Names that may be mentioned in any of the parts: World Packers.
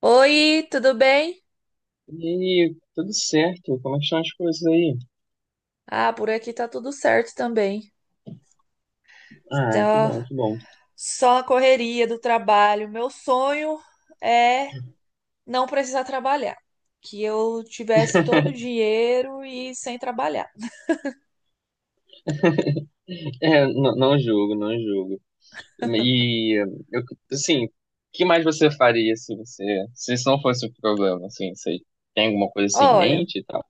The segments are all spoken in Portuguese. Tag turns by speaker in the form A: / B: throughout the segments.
A: Oi, tudo bem?
B: E aí, tudo certo? Como é que estão as coisas aí?
A: Ah, por aqui tá tudo certo também.
B: Ah, que bom,
A: Tá
B: que bom.
A: só a correria do trabalho. Meu sonho é não precisar trabalhar, que eu tivesse todo o dinheiro e sem trabalhar.
B: É, não julgo, não julgo. E, eu, assim, o que mais você faria se isso não fosse um problema, assim, você tem alguma coisa assim em
A: Olha,
B: mente e tal?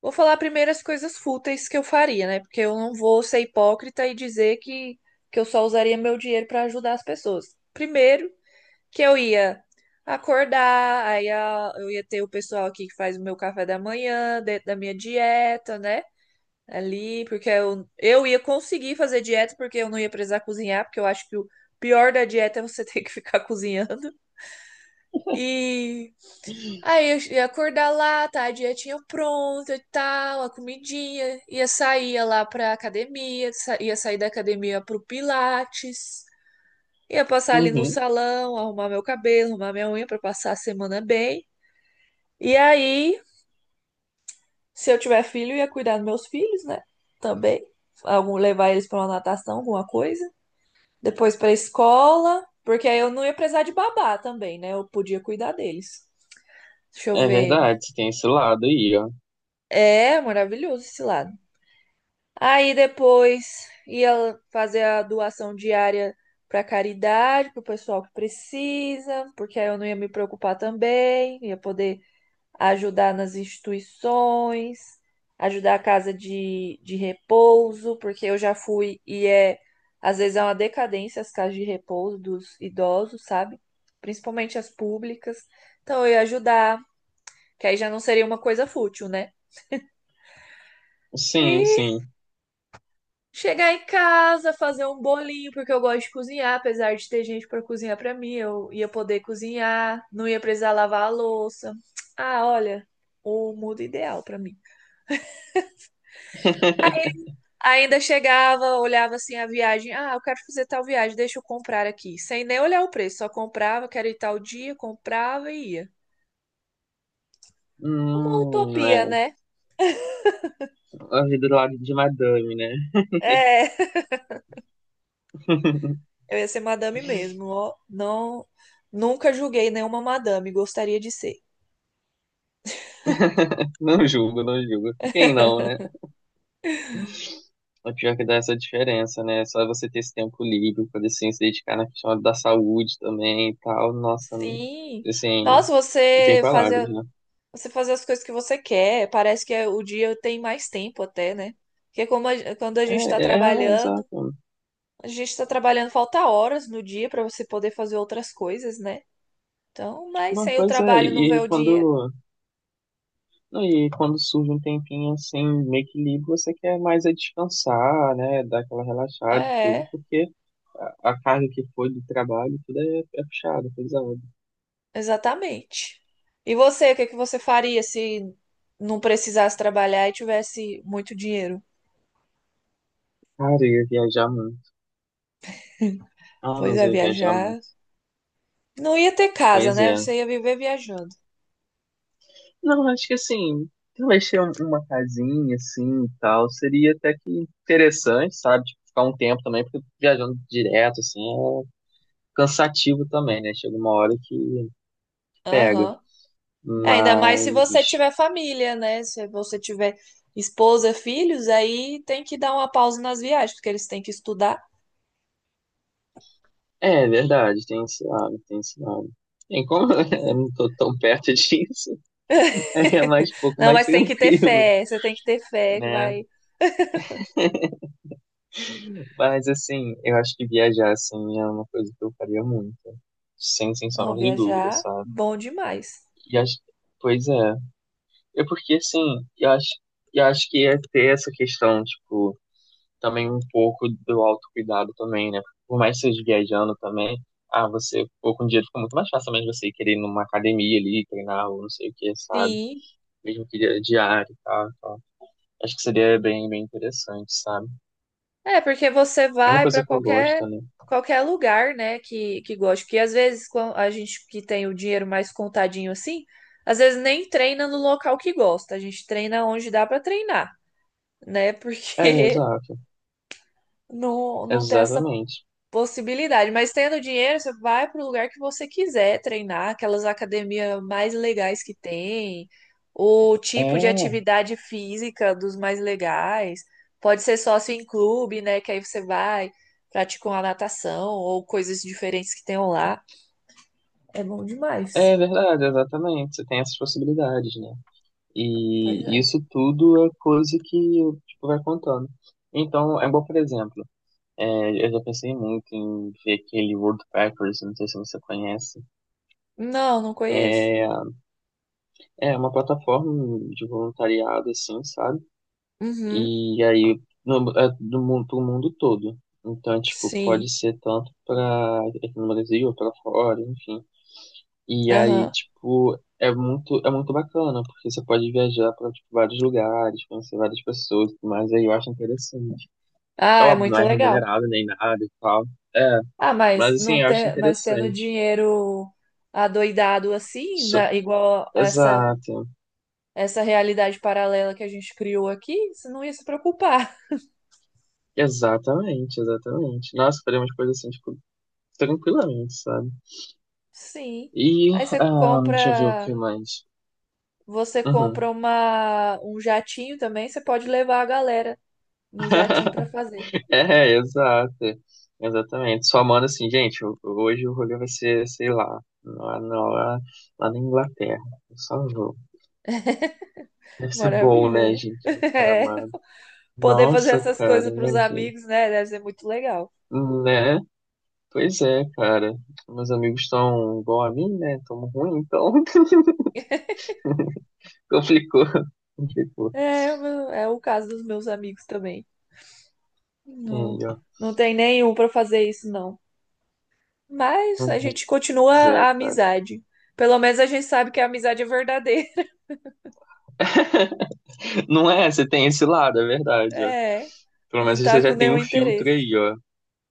A: vou falar primeiro as coisas fúteis que eu faria, né? Porque eu não vou ser hipócrita e dizer que eu só usaria meu dinheiro para ajudar as pessoas. Primeiro, que eu ia acordar, eu ia ter o pessoal aqui que faz o meu café da manhã, dentro da minha dieta, né? Ali, porque eu ia conseguir fazer dieta, porque eu não ia precisar cozinhar, porque eu acho que o pior da dieta é você ter que ficar cozinhando. E aí eu ia acordar lá, tá? A dietinha pronta e tal, a comidinha. Ia sair ia lá pra academia, ia sair da academia pro Pilates. Ia passar ali no
B: Uhum,
A: salão, arrumar meu cabelo, arrumar minha unha pra passar a semana bem. E aí, se eu tiver filho, eu ia cuidar dos meus filhos, né? Também. Algum, levar eles pra uma natação, alguma coisa. Depois pra escola, porque aí eu não ia precisar de babá também, né? Eu podia cuidar deles. Deixa eu
B: é
A: ver.
B: verdade, você tem esse lado aí, ó.
A: É maravilhoso esse lado. Aí depois ia fazer a doação diária para caridade, para o pessoal que precisa, porque aí eu não ia me preocupar também, ia poder ajudar nas instituições, ajudar a casa de repouso, porque eu já fui e é, às vezes é uma decadência as casas de repouso dos idosos, sabe? Principalmente as públicas. Então eu ia ajudar, que aí já não seria uma coisa fútil, né?
B: Sim,
A: E
B: sim.
A: chegar em casa, fazer um bolinho, porque eu gosto de cozinhar, apesar de ter gente para cozinhar para mim, eu ia poder cozinhar, não ia precisar lavar a louça. Ah, olha, o mundo ideal para mim. Ainda chegava, olhava assim a viagem. Ah, eu quero fazer tal viagem, deixa eu comprar aqui. Sem nem olhar o preço, só comprava, quero ir tal dia, comprava e ia. Uma utopia,
B: É,
A: né?
B: a vida do lado de madame, né?
A: É, eu ia ser madame mesmo, ó. Não, nunca julguei nenhuma madame, gostaria de ser.
B: Não julgo, não julgo. Quem não, né? É pior é que dá essa diferença, né? É só você ter esse tempo livre, poder assim, se dedicar na questão da saúde também e tal. Nossa,
A: Sim.
B: assim,
A: Nossa,
B: não tem palavras, né?
A: você fazer as coisas que você quer, parece que o dia tem mais tempo até, né? Porque quando a gente está
B: É, é,
A: trabalhando,
B: exato.
A: a gente tá trabalhando, falta horas no dia pra você poder fazer outras coisas, né? Então, mas
B: Não,
A: sem o
B: pois é,
A: trabalho não
B: e
A: vê
B: e
A: o dinheiro.
B: quando surge um tempinho assim, meio que livre, você quer mais é descansar, né? Dar aquela relaxada e tudo,
A: É,
B: porque a carga que foi do trabalho, tudo é, é puxado, é pesado.
A: exatamente. E você, o que que você faria se não precisasse trabalhar e tivesse muito dinheiro?
B: Cara, eu ia viajar muito. Ah,
A: Pois
B: mas
A: é,
B: eu ia viajar
A: viajar.
B: muito.
A: Não ia ter casa,
B: Pois
A: né?
B: é.
A: Você ia viver viajando.
B: Não, acho que assim, talvez ter uma casinha assim e tal, seria até que interessante, sabe? Tipo, ficar um tempo também, porque viajando direto, assim, é cansativo também, né? Chega uma hora que pega.
A: Aham. É, ainda mais se você
B: Mas,
A: tiver família, né? Se você tiver esposa, filhos, aí tem que dar uma pausa nas viagens, porque eles têm que estudar.
B: é verdade, tem esse lado, tem esse lado. Bem, como eu não tô tão perto disso, é mais um pouco
A: Não,
B: mais
A: mas tem que ter
B: tranquilo,
A: fé, você tem que ter fé que
B: né?
A: vai.
B: Mas, assim, eu acho que viajar, assim, é uma coisa que eu faria muito, sem, sem
A: Não,
B: sombra de dúvida,
A: viajar,
B: sabe?
A: bom demais.
B: E acho, pois é. É porque, assim, eu acho, eu acho que ia ter essa questão, tipo, também um pouco do autocuidado também, né? Por mais que seja viajando também, ah, você, pô, com dinheiro fica muito mais fácil também você querer ir numa academia ali, treinar ou não sei o que, sabe?
A: Sim.
B: Mesmo que diário e tal, tal. Acho que seria bem, bem interessante, sabe?
A: É, porque você
B: É uma
A: vai para
B: coisa que eu
A: qualquer
B: gosto, né?
A: qualquer lugar, né, que goste, porque às vezes quando a gente que tem o dinheiro mais contadinho assim, às vezes nem treina no local que gosta, a gente treina onde dá para treinar, né?
B: É,
A: Porque
B: exato.
A: não tem essa
B: Exatamente.
A: possibilidade. Mas tendo dinheiro, você vai para o lugar que você quiser treinar, aquelas academias mais legais que tem, o tipo de
B: É,
A: atividade física dos mais legais. Pode ser sócio em clube, né? Que aí você vai, pratica uma natação ou coisas diferentes que tenham lá. É bom
B: é
A: demais.
B: verdade, exatamente. Você tem essas possibilidades, né?
A: Pois
B: E
A: é.
B: isso tudo é coisa que tipo, vai contando. Então, é igual, por exemplo, é, eu já pensei muito em ver aquele World Packers, não sei se você conhece.
A: Não, não conheço.
B: É, é uma plataforma de voluntariado, assim, sabe?
A: Uhum,
B: E aí, no, é do mundo todo. Então, tipo, pode
A: sim.
B: ser tanto para aqui no Brasil, para fora, enfim. E aí,
A: Aham.
B: tipo, é muito bacana, porque você pode viajar para tipo, vários lugares, conhecer várias pessoas, e tudo mais aí eu acho interessante. É
A: Ah, é
B: óbvio, não
A: muito
B: é
A: legal.
B: remunerado nem nada e tal. É,
A: Ah,
B: mas
A: mas não
B: assim, eu acho
A: ter, mas tendo
B: interessante.
A: dinheiro adoidado assim,
B: So-
A: igual essa
B: Exato.
A: essa realidade paralela que a gente criou aqui, você não ia se preocupar.
B: Exatamente, exatamente. Nós faremos coisas assim, tipo, tranquilamente, sabe?
A: Sim.
B: E,
A: Aí
B: ah, deixa eu ver o que mais.
A: você compra
B: Uhum.
A: uma um jatinho também, você pode levar a galera no jatinho pra fazer.
B: É, exato. Exatamente. Só manda assim, gente, hoje o rolê vai ser, sei lá, lá, na- lá, lá na Inglaterra. Eu só vou. Deve ser bom, né,
A: Maravilha, né?
B: gente, do pai
A: É.
B: amado.
A: Poder fazer
B: Nossa,
A: essas
B: cara,
A: coisas pros
B: imagina.
A: amigos, né? Deve ser muito legal.
B: Né? Pois é, cara. Meus amigos estão igual a mim, né? Tão ruim, então complicou. Complicou.
A: É, o é o caso dos meus amigos também.
B: Aí,
A: Não,
B: ó.
A: não tem nenhum pra fazer isso, não. Mas
B: Uhum.
A: a gente continua
B: Pois é,
A: a
B: cara.
A: amizade. Pelo menos a gente sabe que a amizade é verdadeira.
B: Não é, você tem esse lado, é verdade, ó.
A: É,
B: Pelo
A: não
B: menos
A: tá
B: você
A: com
B: já tem
A: nenhum
B: um filtro
A: interesse.
B: aí, ó.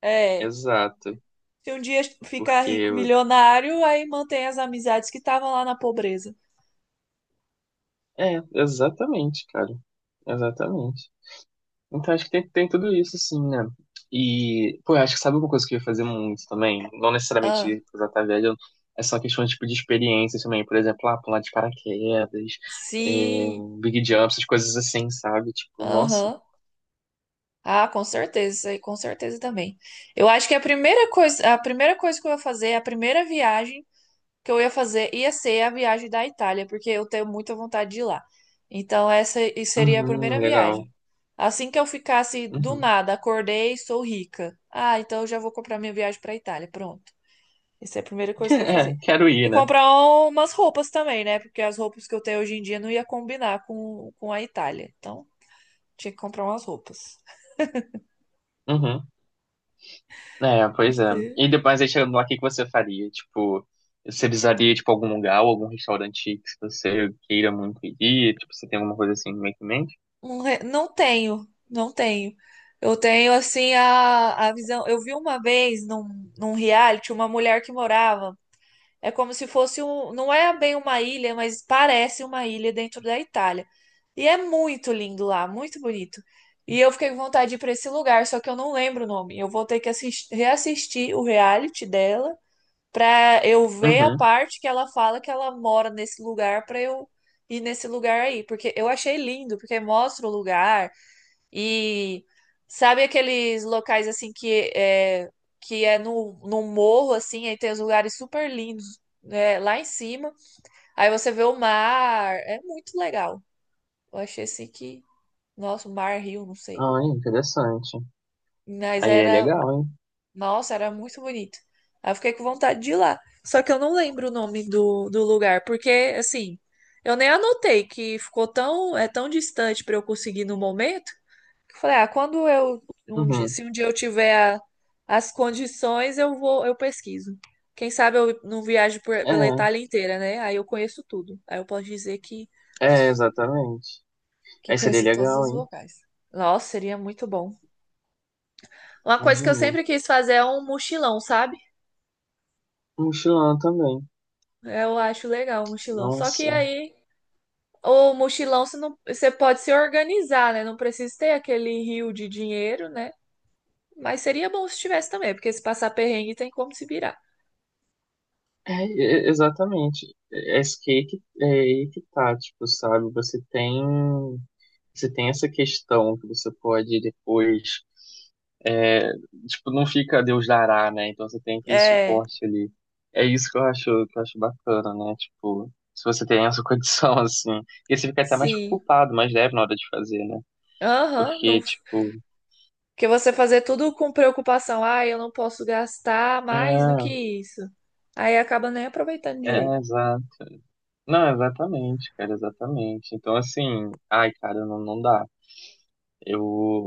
A: É,
B: Exato.
A: se um dia ficar rico,
B: Porque
A: milionário, aí mantém as amizades que estavam lá na pobreza.
B: é, exatamente, cara. Exatamente. Então acho que tem, tem tudo isso, assim, né? E, pô, eu acho que sabe uma coisa que eu ia fazer muito também? Não
A: Ah,
B: necessariamente usar tá velho, é só questão tipo, de experiência também. Por exemplo, lá pular de paraquedas, é,
A: sim.
B: big jump, essas coisas assim, sabe? Tipo, nossa,
A: Aham. Ah, com certeza, isso aí com certeza também. Eu acho que a primeira coisa que eu vou fazer, a primeira viagem que eu ia fazer ia ser a viagem da Itália, porque eu tenho muita vontade de ir lá. Então, seria a
B: uhum,
A: primeira
B: legal.
A: viagem. Assim que eu ficasse do
B: Uhum.
A: nada, acordei, sou rica. Ah, então eu já vou comprar minha viagem para Itália. Pronto. Essa é a primeira coisa que eu ia
B: É,
A: fazer.
B: quero ir,
A: E
B: né?
A: comprar umas roupas também, né? Porque as roupas que eu tenho hoje em dia não ia combinar com a Itália. Então, tinha que comprar umas roupas.
B: Uhum. É, pois é. E depois aí chegando lá, o que que você faria? Tipo, você visaria, tipo, algum lugar ou algum restaurante que você queira muito ir? Tipo, você tem alguma coisa assim meio que em mente?
A: Não tenho, não tenho. Eu tenho, assim, a visão. Eu vi uma vez num reality uma mulher que morava. É como se fosse um. Não é bem uma ilha, mas parece uma ilha dentro da Itália. E é muito lindo lá, muito bonito. E eu fiquei com vontade de ir para esse lugar, só que eu não lembro o nome. Eu vou ter que assistir, reassistir o reality dela pra eu ver a
B: Uhum.
A: parte que ela fala que ela mora nesse lugar pra eu ir nesse lugar aí, porque eu achei lindo, porque mostra o lugar e sabe aqueles locais assim que é no, no morro assim, aí tem os lugares super lindos, né, lá em cima. Aí você vê o mar, é muito legal. Eu achei assim que, nossa, o mar, rio, não sei.
B: Ah, interessante.
A: Mas
B: Aí é
A: era
B: legal, hein?
A: nossa, era muito bonito. Aí eu fiquei com vontade de ir lá. Só que eu não lembro o nome do lugar, porque, assim, eu nem anotei que ficou tão, é tão distante para eu conseguir no momento, que eu falei, ah, quando eu,
B: Uhum.
A: se um dia eu tiver as condições, eu vou, eu pesquiso. Quem sabe eu não viajo pela Itália inteira, né? Aí eu conheço tudo. Aí eu posso dizer
B: É, é, exatamente.
A: que
B: Aí seria
A: conheci todos
B: legal,
A: os
B: hein?
A: locais. Nossa, seria muito bom. Uma coisa que eu
B: Imagina.
A: sempre quis fazer é um mochilão, sabe?
B: Um mochilão também.
A: Eu acho legal o mochilão. Só que
B: Nossa.
A: aí, o mochilão você não, você pode se organizar, né? Não precisa ter aquele rio de dinheiro, né? Mas seria bom se tivesse também, porque se passar perrengue tem como se virar.
B: Exatamente. É isso que aí que, é aí que tá, tipo, sabe? Você tem essa questão que você pode depois, é, tipo, não fica Deus dará, né? Então você tem aquele
A: É,
B: suporte ali. É isso que eu acho bacana, né? Tipo, se você tem essa condição, assim, e você fica até mais
A: sim.
B: preocupado, mais leve na hora de fazer, né?
A: Aham, não,
B: Porque, tipo,
A: porque você fazer tudo com preocupação, ah, eu não posso gastar
B: é,
A: mais do que isso. Aí acaba nem aproveitando
B: é,
A: direito.
B: exato. Não, exatamente, cara, exatamente. Então, assim, ai, cara, não, não dá. Eu.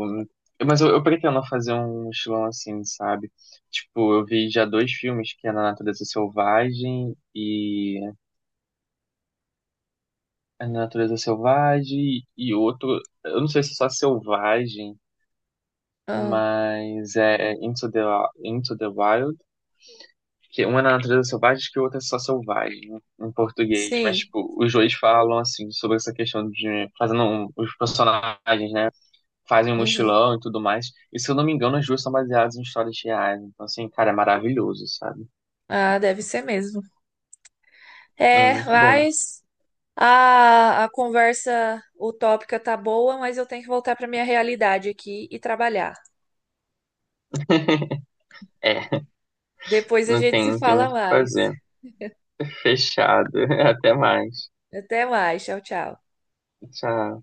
B: Mas eu pretendo fazer um estilão assim, sabe? Tipo, eu vi já 2 filmes, que é Na Natureza Selvagem e. A Natureza Selvagem e outro. Eu não sei se é só Selvagem,
A: Ah,
B: mas é Into the Wild. Que uma é na natureza selvagem que o outro é só selvagem, né, em português. Mas,
A: sim.
B: tipo, os dois falam, assim, sobre essa questão de fazendo os personagens, né? Fazem um
A: Uhum.
B: mochilão e tudo mais. E se eu não me engano, as duas são baseadas em histórias reais. Então, assim, cara, é maravilhoso, sabe?
A: Ah, deve ser mesmo.
B: É
A: É,
B: muito bom.
A: mas a conversa utópica tá boa, mas eu tenho que voltar para minha realidade aqui e trabalhar.
B: É,
A: Depois a gente se
B: não tem
A: fala
B: muito o que
A: mais.
B: fazer. Fechado. Até mais.
A: Até mais. Tchau, tchau.
B: Tchau.